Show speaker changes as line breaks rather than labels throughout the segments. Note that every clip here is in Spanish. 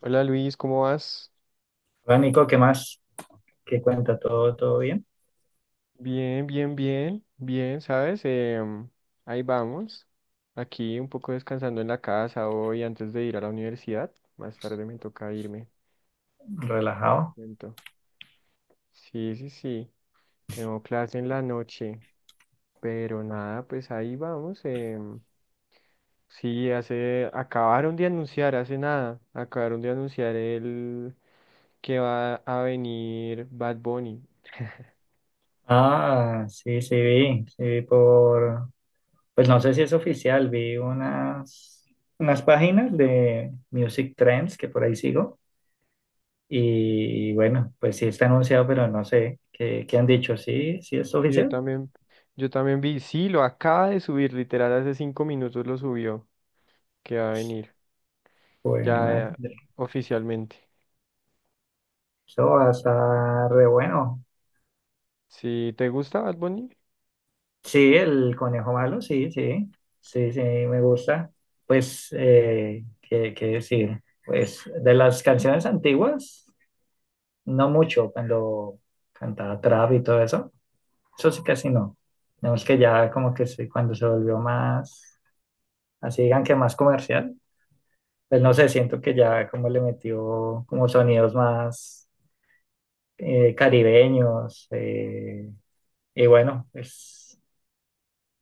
Hola Luis, ¿cómo vas?
Hola Nico, ¿qué más? ¿Qué cuenta? ¿Todo, todo bien?
Bien, bien, bien, bien, ¿sabes? Ahí vamos. Aquí un poco descansando en la casa hoy antes de ir a la universidad. Más tarde me toca irme.
¿Relajado?
Siento. Sí, sí, sí. Tengo clase en la noche. Pero nada, pues ahí vamos. Sí, acabaron de anunciar, hace nada. Acabaron de anunciar el que va a venir Bad Bunny.
Ah, sí, sí vi por, pues no sé si es oficial, vi unas páginas de Music Trends que por ahí sigo y bueno, pues sí está anunciado, pero no sé, ¿qué han dicho? ¿Sí, sí es
Yo
oficial?
también, yo también vi, sí, lo acaba de subir, literal, hace 5 minutos lo subió, que va a venir,
Pues
ya
madre,
oficialmente.
eso va a estar re bueno.
Si te gusta Bad Bunny,
Sí, el conejo malo, sí, sí, sí, sí, me gusta. Pues, ¿qué decir? Pues de las canciones antiguas, no mucho, cuando cantaba trap y todo eso, eso sí casi no. Tenemos que ya como que sí, cuando se volvió más, así digan que más comercial, pues no sé, siento que ya como le metió como sonidos más caribeños, y bueno, pues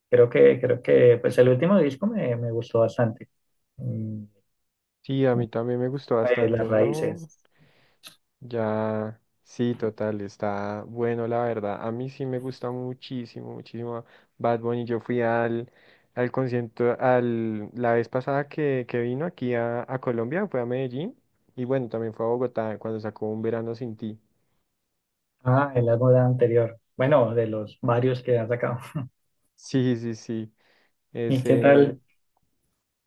creo que pues el último disco me gustó bastante. Mm,
sí, a
Como
mí también me gustó
de
bastante,
las
¿no?
raíces.
Ya, sí, total, está bueno, la verdad. A mí sí me gusta muchísimo, muchísimo Bad Bunny. Al concierto, la vez pasada que vino aquí a Colombia, fue a Medellín, y bueno, también fue a Bogotá cuando sacó Un Verano Sin Ti.
Ah, el álbum anterior. Bueno, de los varios que han sacado.
Sí, sí, sí.
¿Y qué
Ese,
tal?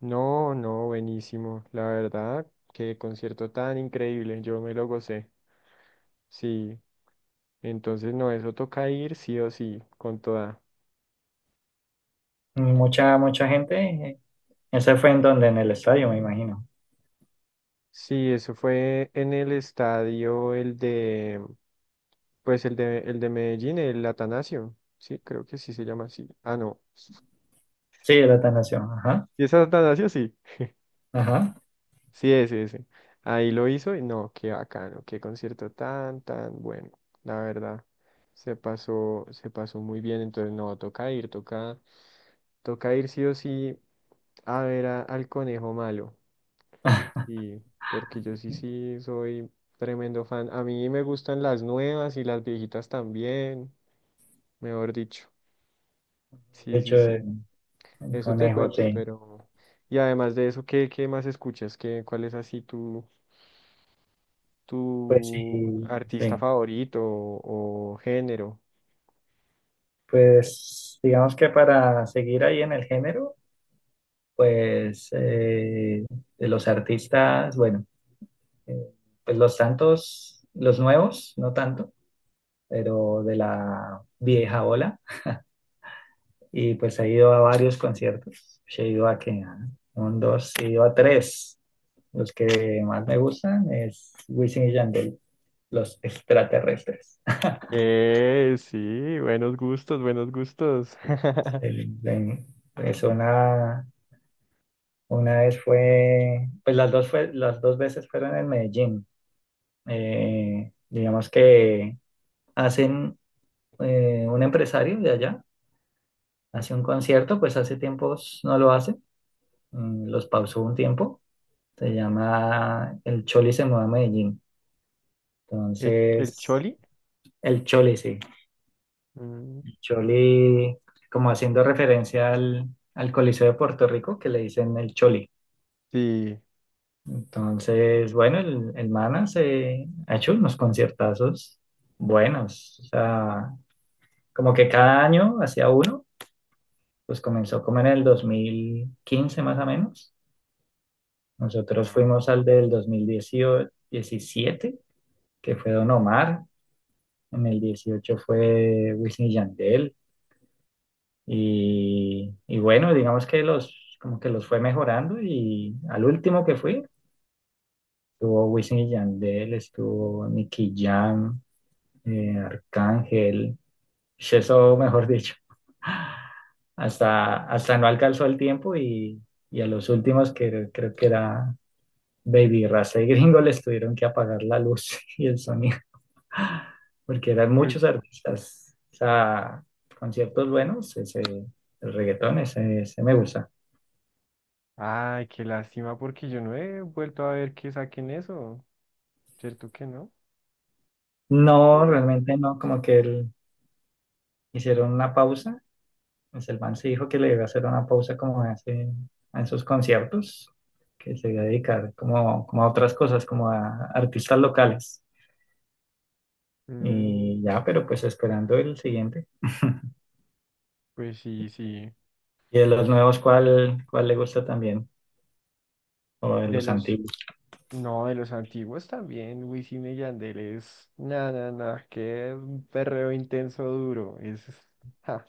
no, no, buenísimo. La verdad, qué concierto tan increíble. Yo me lo gocé. Sí, entonces no, eso toca ir sí o sí, con toda.
Mucha, mucha gente. Ese fue en donde, en el estadio, me imagino.
Sí, eso fue en el estadio, pues el de Medellín, el Atanasio. Sí, creo que sí se llama así. Ah, no.
Sí, el Atanasio. Ajá,
¿Y es Atanasio? Sí.
ajá.
Sí, ese, ese. Ahí lo hizo y no, qué bacano, qué concierto tan, tan bueno. La verdad, se pasó muy bien. Entonces, no, toca ir sí o sí a ver al conejo malo. Sí, porque yo sí, sí soy tremendo fan. A mí me gustan las nuevas y las viejitas también, mejor dicho.
De
Sí,
hecho,
sí, sí.
el
Eso te
conejo,
cuento,
sí.
pero. Y además de eso, ¿qué, qué más escuchas? ¿Qué, cuál es así tú,
Pues sí,
tu artista
sí.
favorito o género?
Pues digamos que para seguir ahí en el género, pues de los artistas, bueno. Eh, pues los Santos, los nuevos, no tanto, pero de la vieja ola. Y pues he ido a varios conciertos. He ido a que a un, dos, he ido a tres. Los que más me gustan es Wisin y Yandel, los extraterrestres.
Sí, buenos gustos, buenos gustos.
El- el- pues una vez fue, las dos veces fueron en Medellín. Digamos que hacen un empresario de allá hace un concierto, pues hace tiempos no lo hace, los pausó un tiempo, se llama El Choli se mueve a Medellín.
¿El
Entonces,
Choli?
el Choli, sí,
Mm.
el Choli, como haciendo referencia al, Coliseo de Puerto Rico, que le dicen el Choli.
Sí.
Entonces, bueno, el Mana se ha hecho unos conciertazos buenos, o sea, como que cada año hacía uno, pues comenzó como en el 2015 más o menos. Nosotros
Ah.
fuimos al del 2017 que fue Don Omar. En el 18 fue Wisin y Yandel. Y bueno, digamos que los, como que los fue mejorando. Y al último que fui, estuvo Wisin y Yandel, estuvo Nicky Jam, Arcángel. Pues eso, mejor dicho. Hasta no alcanzó el tiempo y a los últimos que creo que era Baby Rasta y Gringo les tuvieron que apagar la luz y el sonido, porque eran
Uy.
muchos artistas. O sea, conciertos buenos, ese, el reggaetón, ese me gusta.
Ay, qué lástima porque yo no he vuelto a ver que saquen eso. ¿Cierto que no?
No,
Ahora
realmente no, como que hicieron una pausa. Pues el man se dijo que le iba a hacer una pausa como hace en sus conciertos, que se iba a dedicar como a otras cosas, como a artistas locales.
mm,
Y ya, pero pues esperando el siguiente.
pues sí, sí.
Y de los nuevos, ¿cuál le gusta también? O de
De
los
los
antiguos.
No, de los antiguos también, Wisin y Yandel es, na, na, na, qué perreo intenso duro, es, ja,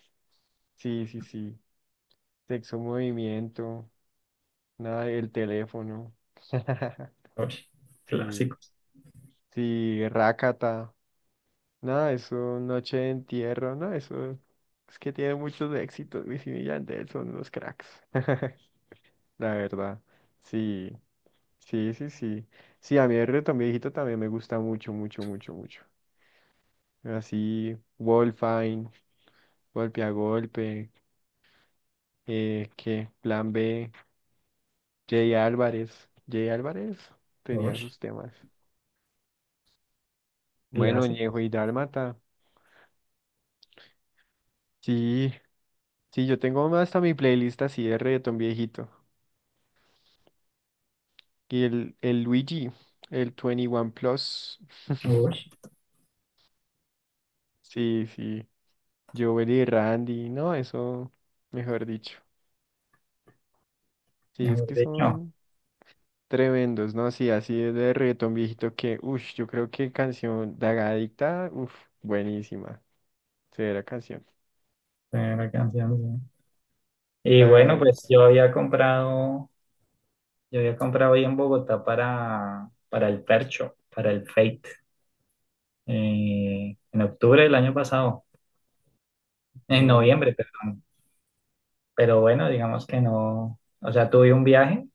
sí, sí, sí, sexo movimiento, nada, el teléfono,
Uy,
sí,
clásicos.
sí, rácata, nada, eso, noche de entierro, no, eso, es que tiene muchos éxitos, Wisin y Yandel son unos cracks, la verdad, sí, sí, sí, sí, sí, a mí el reggaetón viejito también me gusta mucho, mucho, mucho, mucho. Así, Wolfine, golpe a golpe, que Plan B, Jay Álvarez. Jay Álvarez tenía
Uy,
sus temas. Bueno, Ñejo
clásicos.
y Dálmata. Sí, sí, yo tengo hasta mi playlist así de reggaetón viejito. El Luigi, el 21 Plus.
Uy,
Sí, sí. Joel y Randy, no, eso, mejor dicho. Sí, es
mejor
que
dicho.
son. Tremendos, ¿no? Sí, así es de reggaetón viejito que, uff, yo creo que canción Dagadicta, uff, buenísima. Severa canción.
Primera canción. Sí. Y bueno,
Dagadicta.
pues yo había comprado ahí en Bogotá para el Percho, para el Fate, en octubre del año pasado, en
Ah.
noviembre, perdón. Pero bueno, digamos que no, o sea, tuve un viaje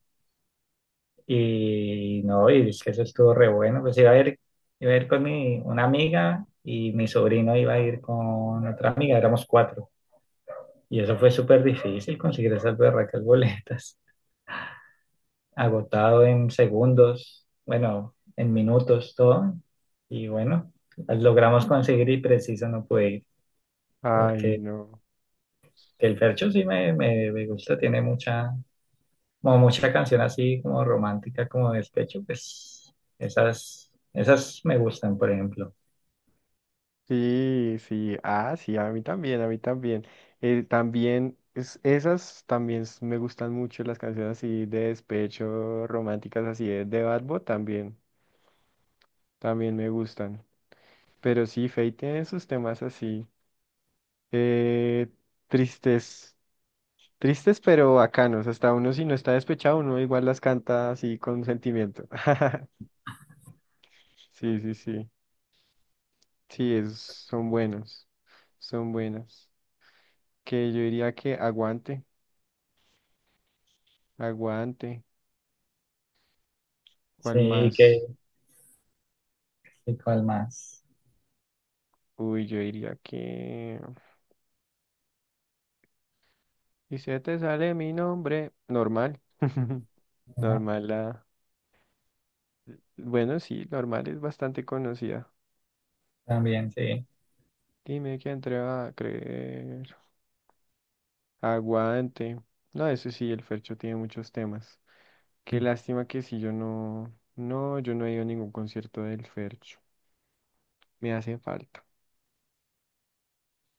y no, y es que eso estuvo re bueno. Pues iba a ir con una amiga y mi sobrino iba a ir con otra amiga, éramos cuatro. Y eso fue súper difícil conseguir esas berracas boletas. Agotado en segundos, bueno, en minutos, todo. Y bueno, las logramos conseguir y preciso no pude ir.
Ay,
Porque
no.
el Fercho sí me gusta, tiene mucha, como mucha canción así como romántica, como despecho, pues esas me gustan, por ejemplo.
Sí, sí. Ah, sí, a mí también, a mí también. Esas también me gustan mucho las canciones así de despecho, románticas, así de Bad Bunny también. También me gustan. Pero sí, Feid tiene sus temas así. Eh, tristes. Tristes pero bacanos, hasta uno si no está despechado, uno igual las canta así con sentimiento. Sí, sí, sí, sí, son buenos, son buenas. Que yo diría que aguante, aguante,
Sí,
¿cuál
y que,
más?
y cuál más.
Uy, yo diría que... Y si se te sale mi nombre, normal.
Ajá,
Normal la... Bueno, sí, normal es bastante conocida.
también, sí.
Dime quién te va a creer. Aguante. No, eso sí, el Fercho tiene muchos temas. Qué lástima que si yo no, no, yo no he ido a ningún concierto del Fercho. Me hace falta.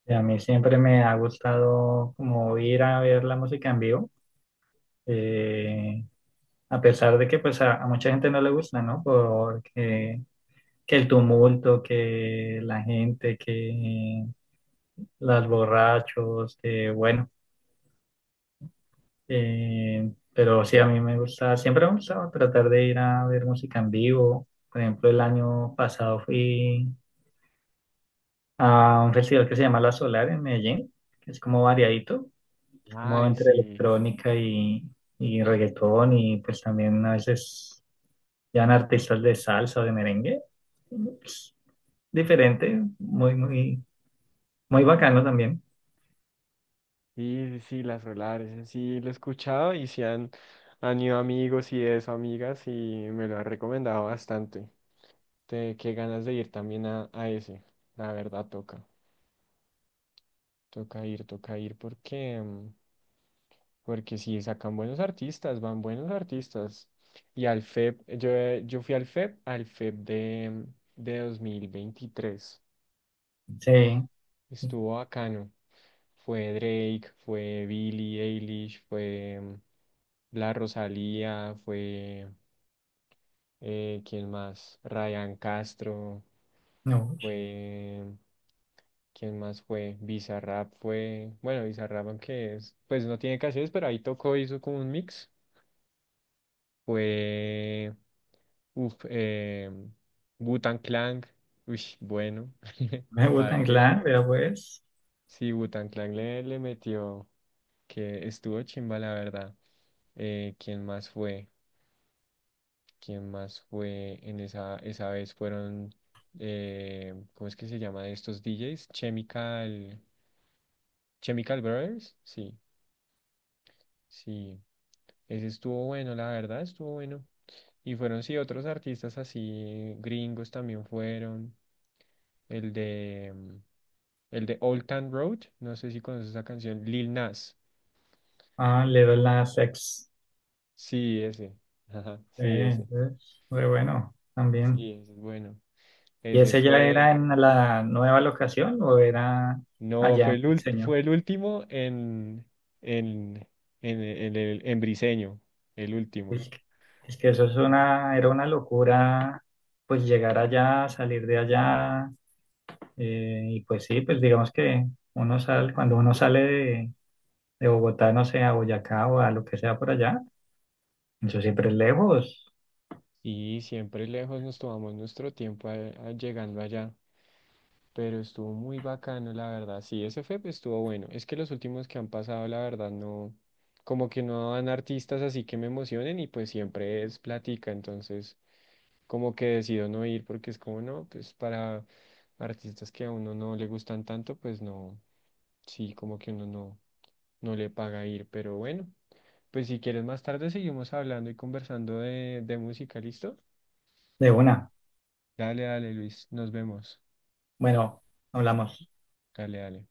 Y a mí siempre me ha gustado como ir a ver la música en vivo. eh, a pesar de que pues a mucha gente no le gusta, ¿no? Porque que el tumulto, que la gente, que las borrachos, que bueno, pero sí a mí me gusta, siempre me gustaba tratar de ir a ver música en vivo. Por ejemplo, el año pasado fui a un festival que se llama La Solar en Medellín, que es como variadito, es como
Ay,
entre
sí,
electrónica y reggaetón y pues también a veces eran artistas de salsa, de merengue. Pues, diferente, muy, muy, muy bacano también.
sí, sí, sí, las Solares, en sí, lo he escuchado y sí han, han ido amigos y eso, amigas, y me lo han recomendado bastante. Qué ganas de ir también a ese. La verdad, toca ir, porque, porque sí, sacan buenos artistas, van buenos artistas. Y al FEP, yo fui al FEP, al FEP de, de 2023.
Sí.
Estuvo bacano. Fue Drake, fue Billie Eilish, fue La Rosalía, fue, ¿quién más? Ryan Castro,
No,
fue, ¿quién más fue? Bizarrap fue, bueno, Bizarrap aunque es, pues no tiene canciones, pero ahí tocó, hizo como un mix. Fue, uff, Wu-Tang Clan, uy, bueno,
me
¿para
gustan
qué?
Clan, pero pues.
Sí, Wu-Tang Clan le metió. Que estuvo chimba, la verdad. ¿Quién más fue? ¿Quién más fue en esa, esa vez? Fueron, ¿cómo es que se llama de estos DJs? Chemical Brothers, sí, sí. Ese estuvo bueno, la verdad, estuvo bueno. Y fueron, sí, otros artistas así, gringos también fueron. El de, mm, el de Old Town Road, no sé si conoces esa canción, Lil Nas.
Ah, le doy la sex.
Sí, ese. Ajá,
Sí,
sí, ese.
es muy bueno también.
Sí, ese es bueno.
¿Y
Ese
ese ya era
fue,
en la nueva locación o era
no,
allá
fue
en el diseño?
fue el último en, en, en en Briseño, el último.
Es que, es que eso era una locura, pues llegar allá, salir de allá. Y pues sí, pues
Mm.
digamos que uno sale, cuando uno sale de Bogotá, no sé, a Boyacá o a lo que sea por allá. Eso siempre es lejos
Y siempre lejos nos tomamos nuestro tiempo llegando allá, pero estuvo muy bacano, la verdad. Sí, ese fue, pues, estuvo bueno. Es que los últimos que han pasado, la verdad, no, como que no dan artistas así que me emocionen y pues siempre es plática, entonces... como que decido no ir porque es como, no, pues para artistas que a uno no le gustan tanto, pues no, sí, como que uno no, no le paga ir, pero bueno, pues si quieres más tarde seguimos hablando y conversando de música, ¿listo?
de una.
Dale, dale, Luis, nos vemos.
Bueno, hablamos.
Dale, dale.